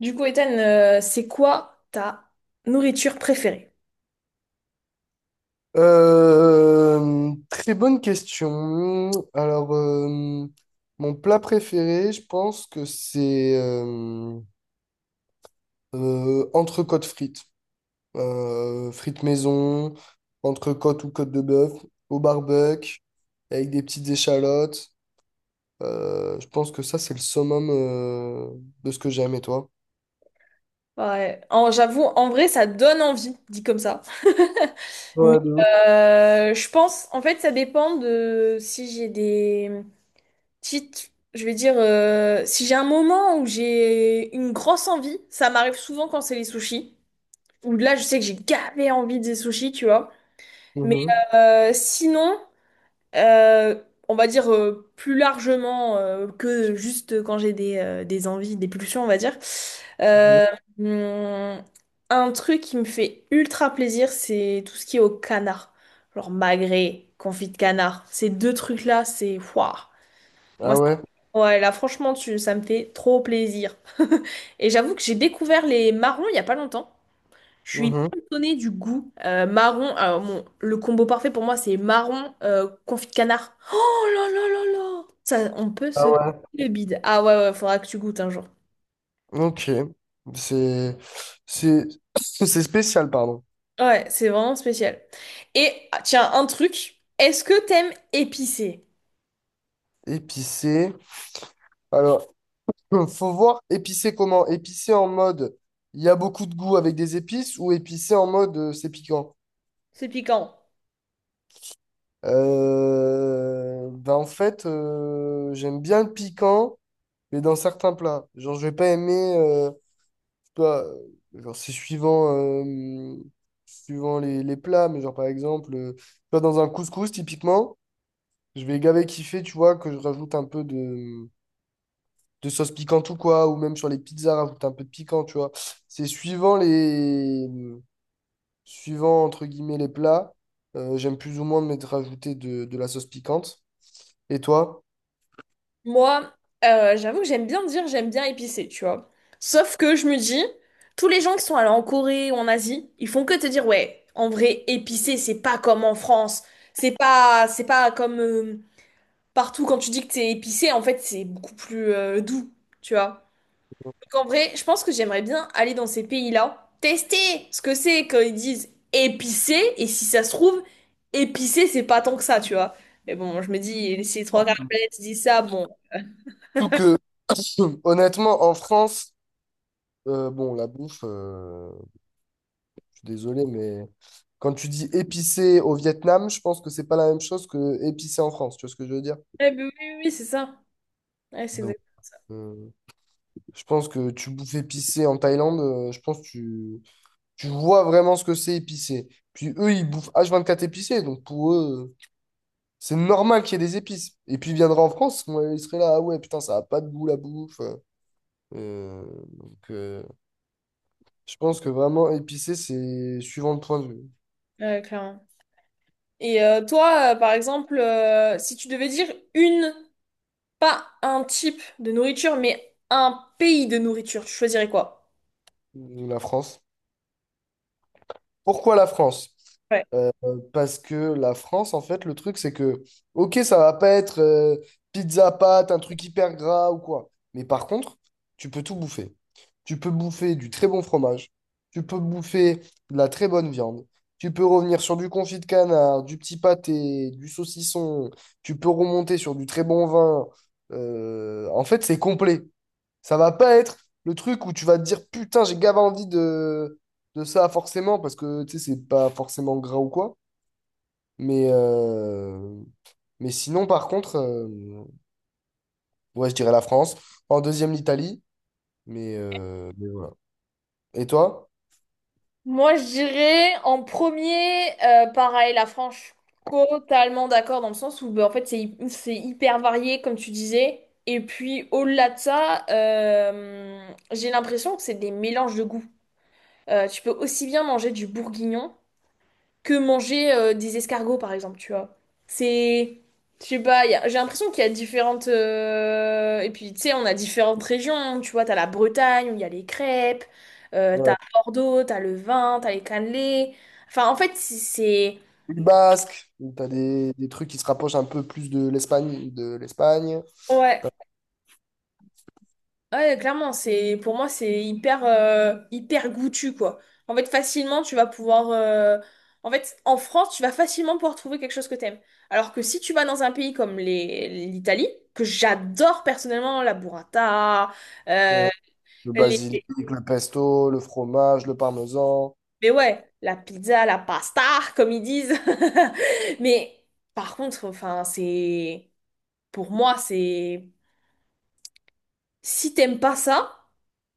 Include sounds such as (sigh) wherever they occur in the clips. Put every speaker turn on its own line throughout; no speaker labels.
Du coup, Ethan, c'est quoi ta nourriture préférée?
Très bonne question. Alors, mon plat préféré, je pense que c'est entrecôte frites. Frites maison, entrecôte ou côte de bœuf, au barbecue, avec des petites échalotes. Je pense que ça, c'est le summum de ce que j'aime, et toi?
Ouais, j'avoue, en vrai, ça donne envie, dit comme ça. (laughs) Mais
Ouais, de ouf.
je pense, en fait, ça dépend de si j'ai des petites, je vais dire, si j'ai un moment où j'ai une grosse envie, ça m'arrive souvent quand c'est les sushis, où là, je sais que j'ai gavé envie des sushis, tu vois. Mais
Mhm.
sinon. Euh, on va dire plus largement que juste quand j'ai des envies, des pulsions, on va dire.
Mhm.
Euh, hum, un truc qui me fait ultra plaisir, c'est tout ce qui est au canard. Genre magret, confit de canard. Ces deux trucs-là, c'est... Waouh. Moi,
Ah ouais?
ouais, là, franchement, ça me fait trop plaisir. (laughs) Et j'avoue que j'ai découvert les marrons il n'y a pas longtemps. Je suis hyper
Mhm.
étonnée du goût marron. Alors, bon, le combo parfait pour moi, c'est marron confit de canard. Oh là là là là! Ça, on peut se
Ah
faire
ouais.
le bide. Ah ouais, ouais, faudra que tu goûtes un jour.
Ok. C'est c'est (clears throat) (coughs) c'est spécial, pardon.
Ouais, c'est vraiment spécial. Et ah, tiens, un truc. Est-ce que t'aimes épicé?
Épicé. Alors, (clears throat) faut voir épicé comment? Épicé en mode il y a beaucoup de goût avec des épices ou épicé en mode c'est piquant?
C'est piquant.
Ben en fait, j'aime bien le piquant, mais dans certains plats. Genre, je vais pas aimer. Je sais pas, genre, c'est suivant, euh, suivant les plats, mais genre par exemple, tu vois, dans un couscous, typiquement, je vais gaver kiffer, tu vois, que je rajoute un peu de sauce piquante ou quoi, ou même sur les pizzas, rajouter un peu de piquant, tu vois. C'est suivant les... suivant, entre guillemets, les plats, j'aime plus ou moins mettre rajouter de la sauce piquante. Et toi?
Moi, j'avoue que j'aime bien dire j'aime bien épicé, tu vois. Sauf que je me dis, tous les gens qui sont allés en Corée ou en Asie, ils font que te dire, ouais, en vrai, épicé, c'est pas comme en France. C'est pas comme partout quand tu dis que t'es épicé, en fait, c'est beaucoup plus doux, tu vois. Donc en vrai, je pense que j'aimerais bien aller dans ces pays-là, tester ce que c'est quand ils disent épicé, et si ça se trouve, épicé, c'est pas tant que ça, tu vois. Mais bon, je me dis, si les trois quarts de la planète disent ça, bon.
Surtout que, (clears throat) honnêtement, en France, bon, la bouffe, je suis désolé, mais quand tu dis épicé au Vietnam, je pense que c'est pas la même chose que épicé en France, tu vois ce que je veux dire?
Eh ben oui, oui, oui, c'est ça. Ouais, c'est
Donc,
exact.
euh, je pense que tu bouffes épicé en Thaïlande, je pense que tu vois vraiment ce que c'est épicé. Puis eux, ils bouffent H24 épicé, donc pour eux, c'est normal qu'il y ait des épices. Et puis ils viendraient en France, moi, ils seraient là, ah ouais, putain, ça a pas de goût la bouffe. Euh, donc je pense que vraiment épicé, c'est suivant le point de vue.
Ouais, clairement. Et toi, par exemple, si tu devais dire une, pas un type de nourriture, mais un pays de nourriture, tu choisirais quoi?
La France. Pourquoi la France?
Ouais.
Euh, Parce que la France, en fait, le truc, c'est que, ok, ça va pas être pizza pâte, un truc hyper gras ou quoi. Mais par contre, tu peux tout bouffer. Tu peux bouffer du très bon fromage. Tu peux bouffer de la très bonne viande. Tu peux revenir sur du confit de canard, du petit pâté, du saucisson. Tu peux remonter sur du très bon vin. En fait, c'est complet. Ça va pas être le truc où tu vas te dire putain, j'ai grave envie de ça forcément parce que tu sais, c'est pas forcément gras ou quoi. Mais, euh, mais sinon, par contre, ouais, je dirais la France. En deuxième, l'Italie. Mais voilà. Et toi?
Moi, je dirais en premier, pareil, la France. Je suis totalement d'accord dans le sens où, bah, en fait, c'est hyper varié, comme tu disais. Et puis, au-delà de ça, j'ai l'impression que c'est des mélanges de goûts. Tu peux aussi bien manger du bourguignon. Que manger des escargots, par exemple, tu vois. C'est... Je sais pas, j'ai l'impression qu'il y a différentes... Et puis, tu sais, on a différentes régions, hein, tu vois, t'as la Bretagne, où il y a les crêpes, t'as
Ouais.
Bordeaux, t'as le vin, t'as les cannelés. Enfin, en fait, c'est...
Pays Basque. T'as des trucs qui se rapprochent un peu plus de l'Espagne, de l'Espagne.
Ouais. Ouais, clairement, c'est pour moi c'est hyper hyper goûtu quoi. En fait, facilement tu vas pouvoir, en France, tu vas facilement pouvoir trouver quelque chose que t'aimes. Alors que si tu vas dans un pays comme les l'Italie, que j'adore personnellement la burrata, euh,
Ouais. Le
les
basilic, le pesto, le fromage, le parmesan.
mais ouais, la pizza, la pasta comme ils disent. (laughs) Mais par contre, enfin, c'est pour moi c'est si t'aimes pas ça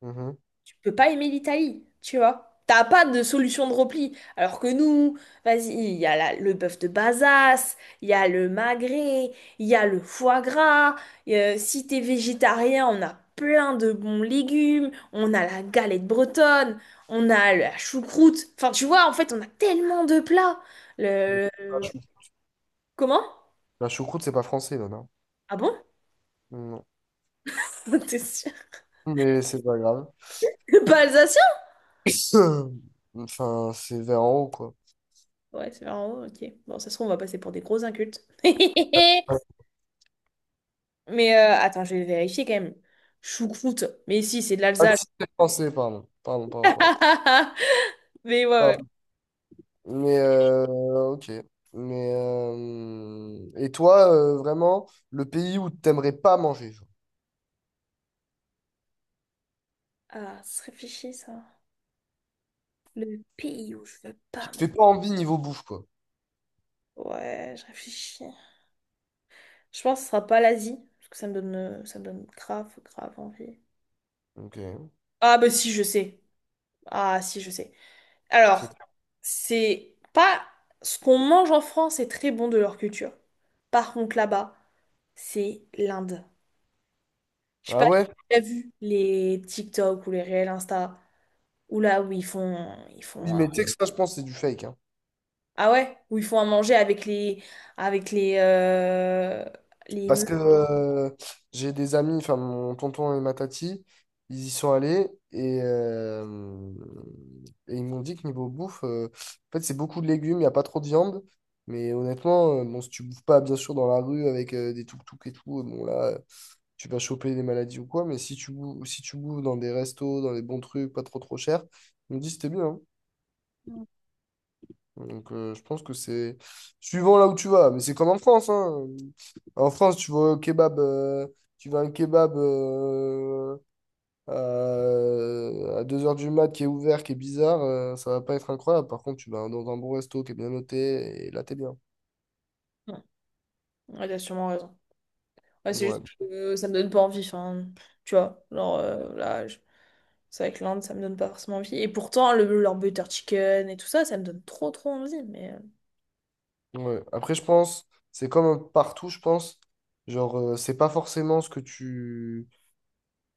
Mhm.
tu peux pas aimer l'Italie, tu vois. T'as pas de solution de repli. Alors que nous, vas-y, il y a le bœuf de Bazas, il y a le magret, il y a le foie gras. Si t'es végétarien, on a plein de bons légumes. On a la galette bretonne, on a la choucroute. Enfin, tu vois, en fait, on a tellement de plats. Le...
La chou-
Comment?
la choucroute, c'est pas français, là, non?
Ah bon?
Non.
(laughs) T'es sûr?
Mais c'est pas grave.
Pas alsacien?
(coughs) (clears throat) Enfin, c'est vers en haut, quoi.
Ouais, c'est vraiment... bon, ok. Bon, ça se trouve, on va passer pour des gros incultes. (laughs) Mais attends, je vais vérifier quand même. Choucroute. Mais si, c'est de
Ah,
l'Alsace.
si, c'est français, pardon. Pardon, pardon, pardon.
(laughs) Mais ouais, ouais.
Pardon. Mais, euh, ok. Et toi, vraiment, le pays où t'aimerais pas manger, genre,
Ah, se réfléchit ça. Le pays où je veux
qui
pas.
te fait pas envie niveau bouffe, quoi.
Ouais, je réfléchis. Je pense que ce sera pas l'Asie. Parce que ça me donne grave, grave envie.
Ok.
Ah, bah si, je sais. Ah, si, je sais. Alors,
C'est-
c'est pas. Ce qu'on mange en France est très bon de leur culture. Par contre, là-bas, c'est l'Inde. Je sais
Ah
pas si
ouais?
tu as vu les TikTok ou les réels Insta. Ou là où ils
Oui,
font,
mais tu sais que ça, je pense, c'est du fake, hein.
ah ouais, où ils font à manger avec les, les.
Parce que j'ai des amis, enfin mon tonton et ma tati, ils y sont allés et ils m'ont dit que niveau bouffe, en fait c'est beaucoup de légumes, il n'y a pas trop de viande. Mais honnêtement, bon, si tu bouffes pas bien sûr dans la rue avec des tuk-tuk et tout, bon là, tu vas choper des maladies ou quoi. Mais si tu bouffes, si tu bouffes dans des restos, dans des bons trucs, pas trop trop cher, ils me disent que c'était bien. Hein. Donc je pense que c'est suivant là où tu vas. Mais c'est comme en France, hein. En France, tu vas au kebab, tu vas à un kebab à 2 heures du mat qui est ouvert, qui est bizarre, ça va pas être incroyable. Par contre, tu vas dans un bon resto qui est bien noté et là, t'es bien.
Ouais, t'as sûrement raison. Ouais, c'est
Ouais.
juste que ça me donne pas envie. Enfin, tu vois, genre là, c'est avec l'Inde, ça me donne pas forcément envie. Et pourtant, le, leur butter chicken et tout ça, ça me donne trop trop envie. Mais
Ouais. Après, je pense, c'est comme partout, je pense. Genre, c'est pas forcément ce que tu.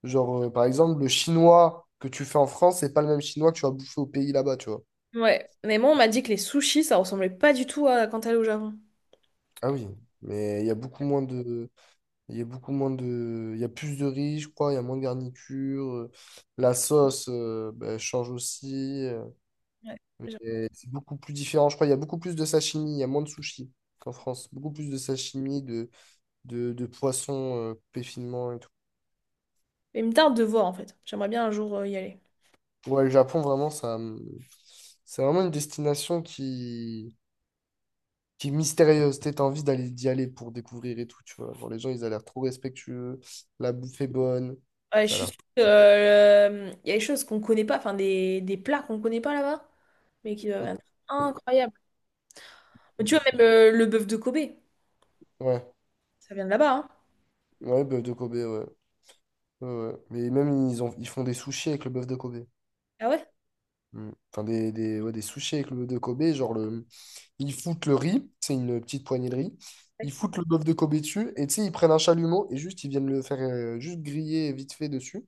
Genre, par exemple, le chinois que tu fais en France, c'est pas le même chinois que tu vas bouffer au pays là-bas, tu vois.
ouais, mais moi, on m'a dit que les sushis, ça ressemblait pas du tout à quand t'allais au Japon.
Ah oui, mais il y a beaucoup moins de. Il y a beaucoup moins de. Il y a plus de riz, je crois, il y a moins de garniture. La sauce bah, change aussi.
Ouais. j'ai-
Et c'est beaucoup plus différent. Je crois il y a beaucoup plus de sashimi, il y a moins de sushi qu'en France. Beaucoup plus de sashimi, de poissons coupés finement et tout.
Mais une tarde de voir en fait. J'aimerais bien un jour y aller.
Ouais, le Japon, vraiment, c'est vraiment une destination qui est mystérieuse. T'as envie d'y aller pour découvrir et tout, tu vois. Genre, les gens, ils ont l'air trop respectueux. La bouffe est bonne.
Ouais, je
Ça a
suis
l'air.
sûre que, il y a des choses qu'on connaît pas, enfin des plats qu'on connaît pas là-bas, mais qui doivent
Mm.
être incroyables. Mais tu
C'est
vois,
sûr.
même le bœuf de Kobe,
Ouais,
ça vient de là-bas, hein.
ouais, bœuf de Kobe, ouais. Ouais, ouais. Mais même, ils ont, ils font des sushis avec le bœuf de Kobe.
Ah ouais?
Mm. Enfin, des sushis avec le bœuf de Kobe. Genre, le, ils foutent le riz, c'est une petite poignée de riz.
Ouais,
Ils foutent le bœuf de Kobe dessus. Et tu sais, ils prennent un chalumeau et juste, ils viennent le faire juste griller vite fait dessus.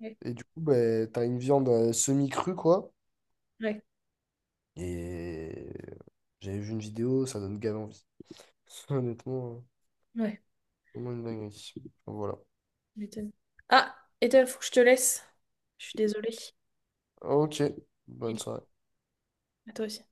ouais,
Et du coup, ben, t'as une viande semi-crue, quoi.
ouais.
Et j'avais vu une vidéo, ça donne grave envie. (laughs) Honnêtement,
Ouais,
vraiment une dinguerie. Voilà.
je m'étonne. Ah, Ethan, faut que je te laisse. Je suis désolée.
Ok, bonne
File,
soirée.
à toi aussi.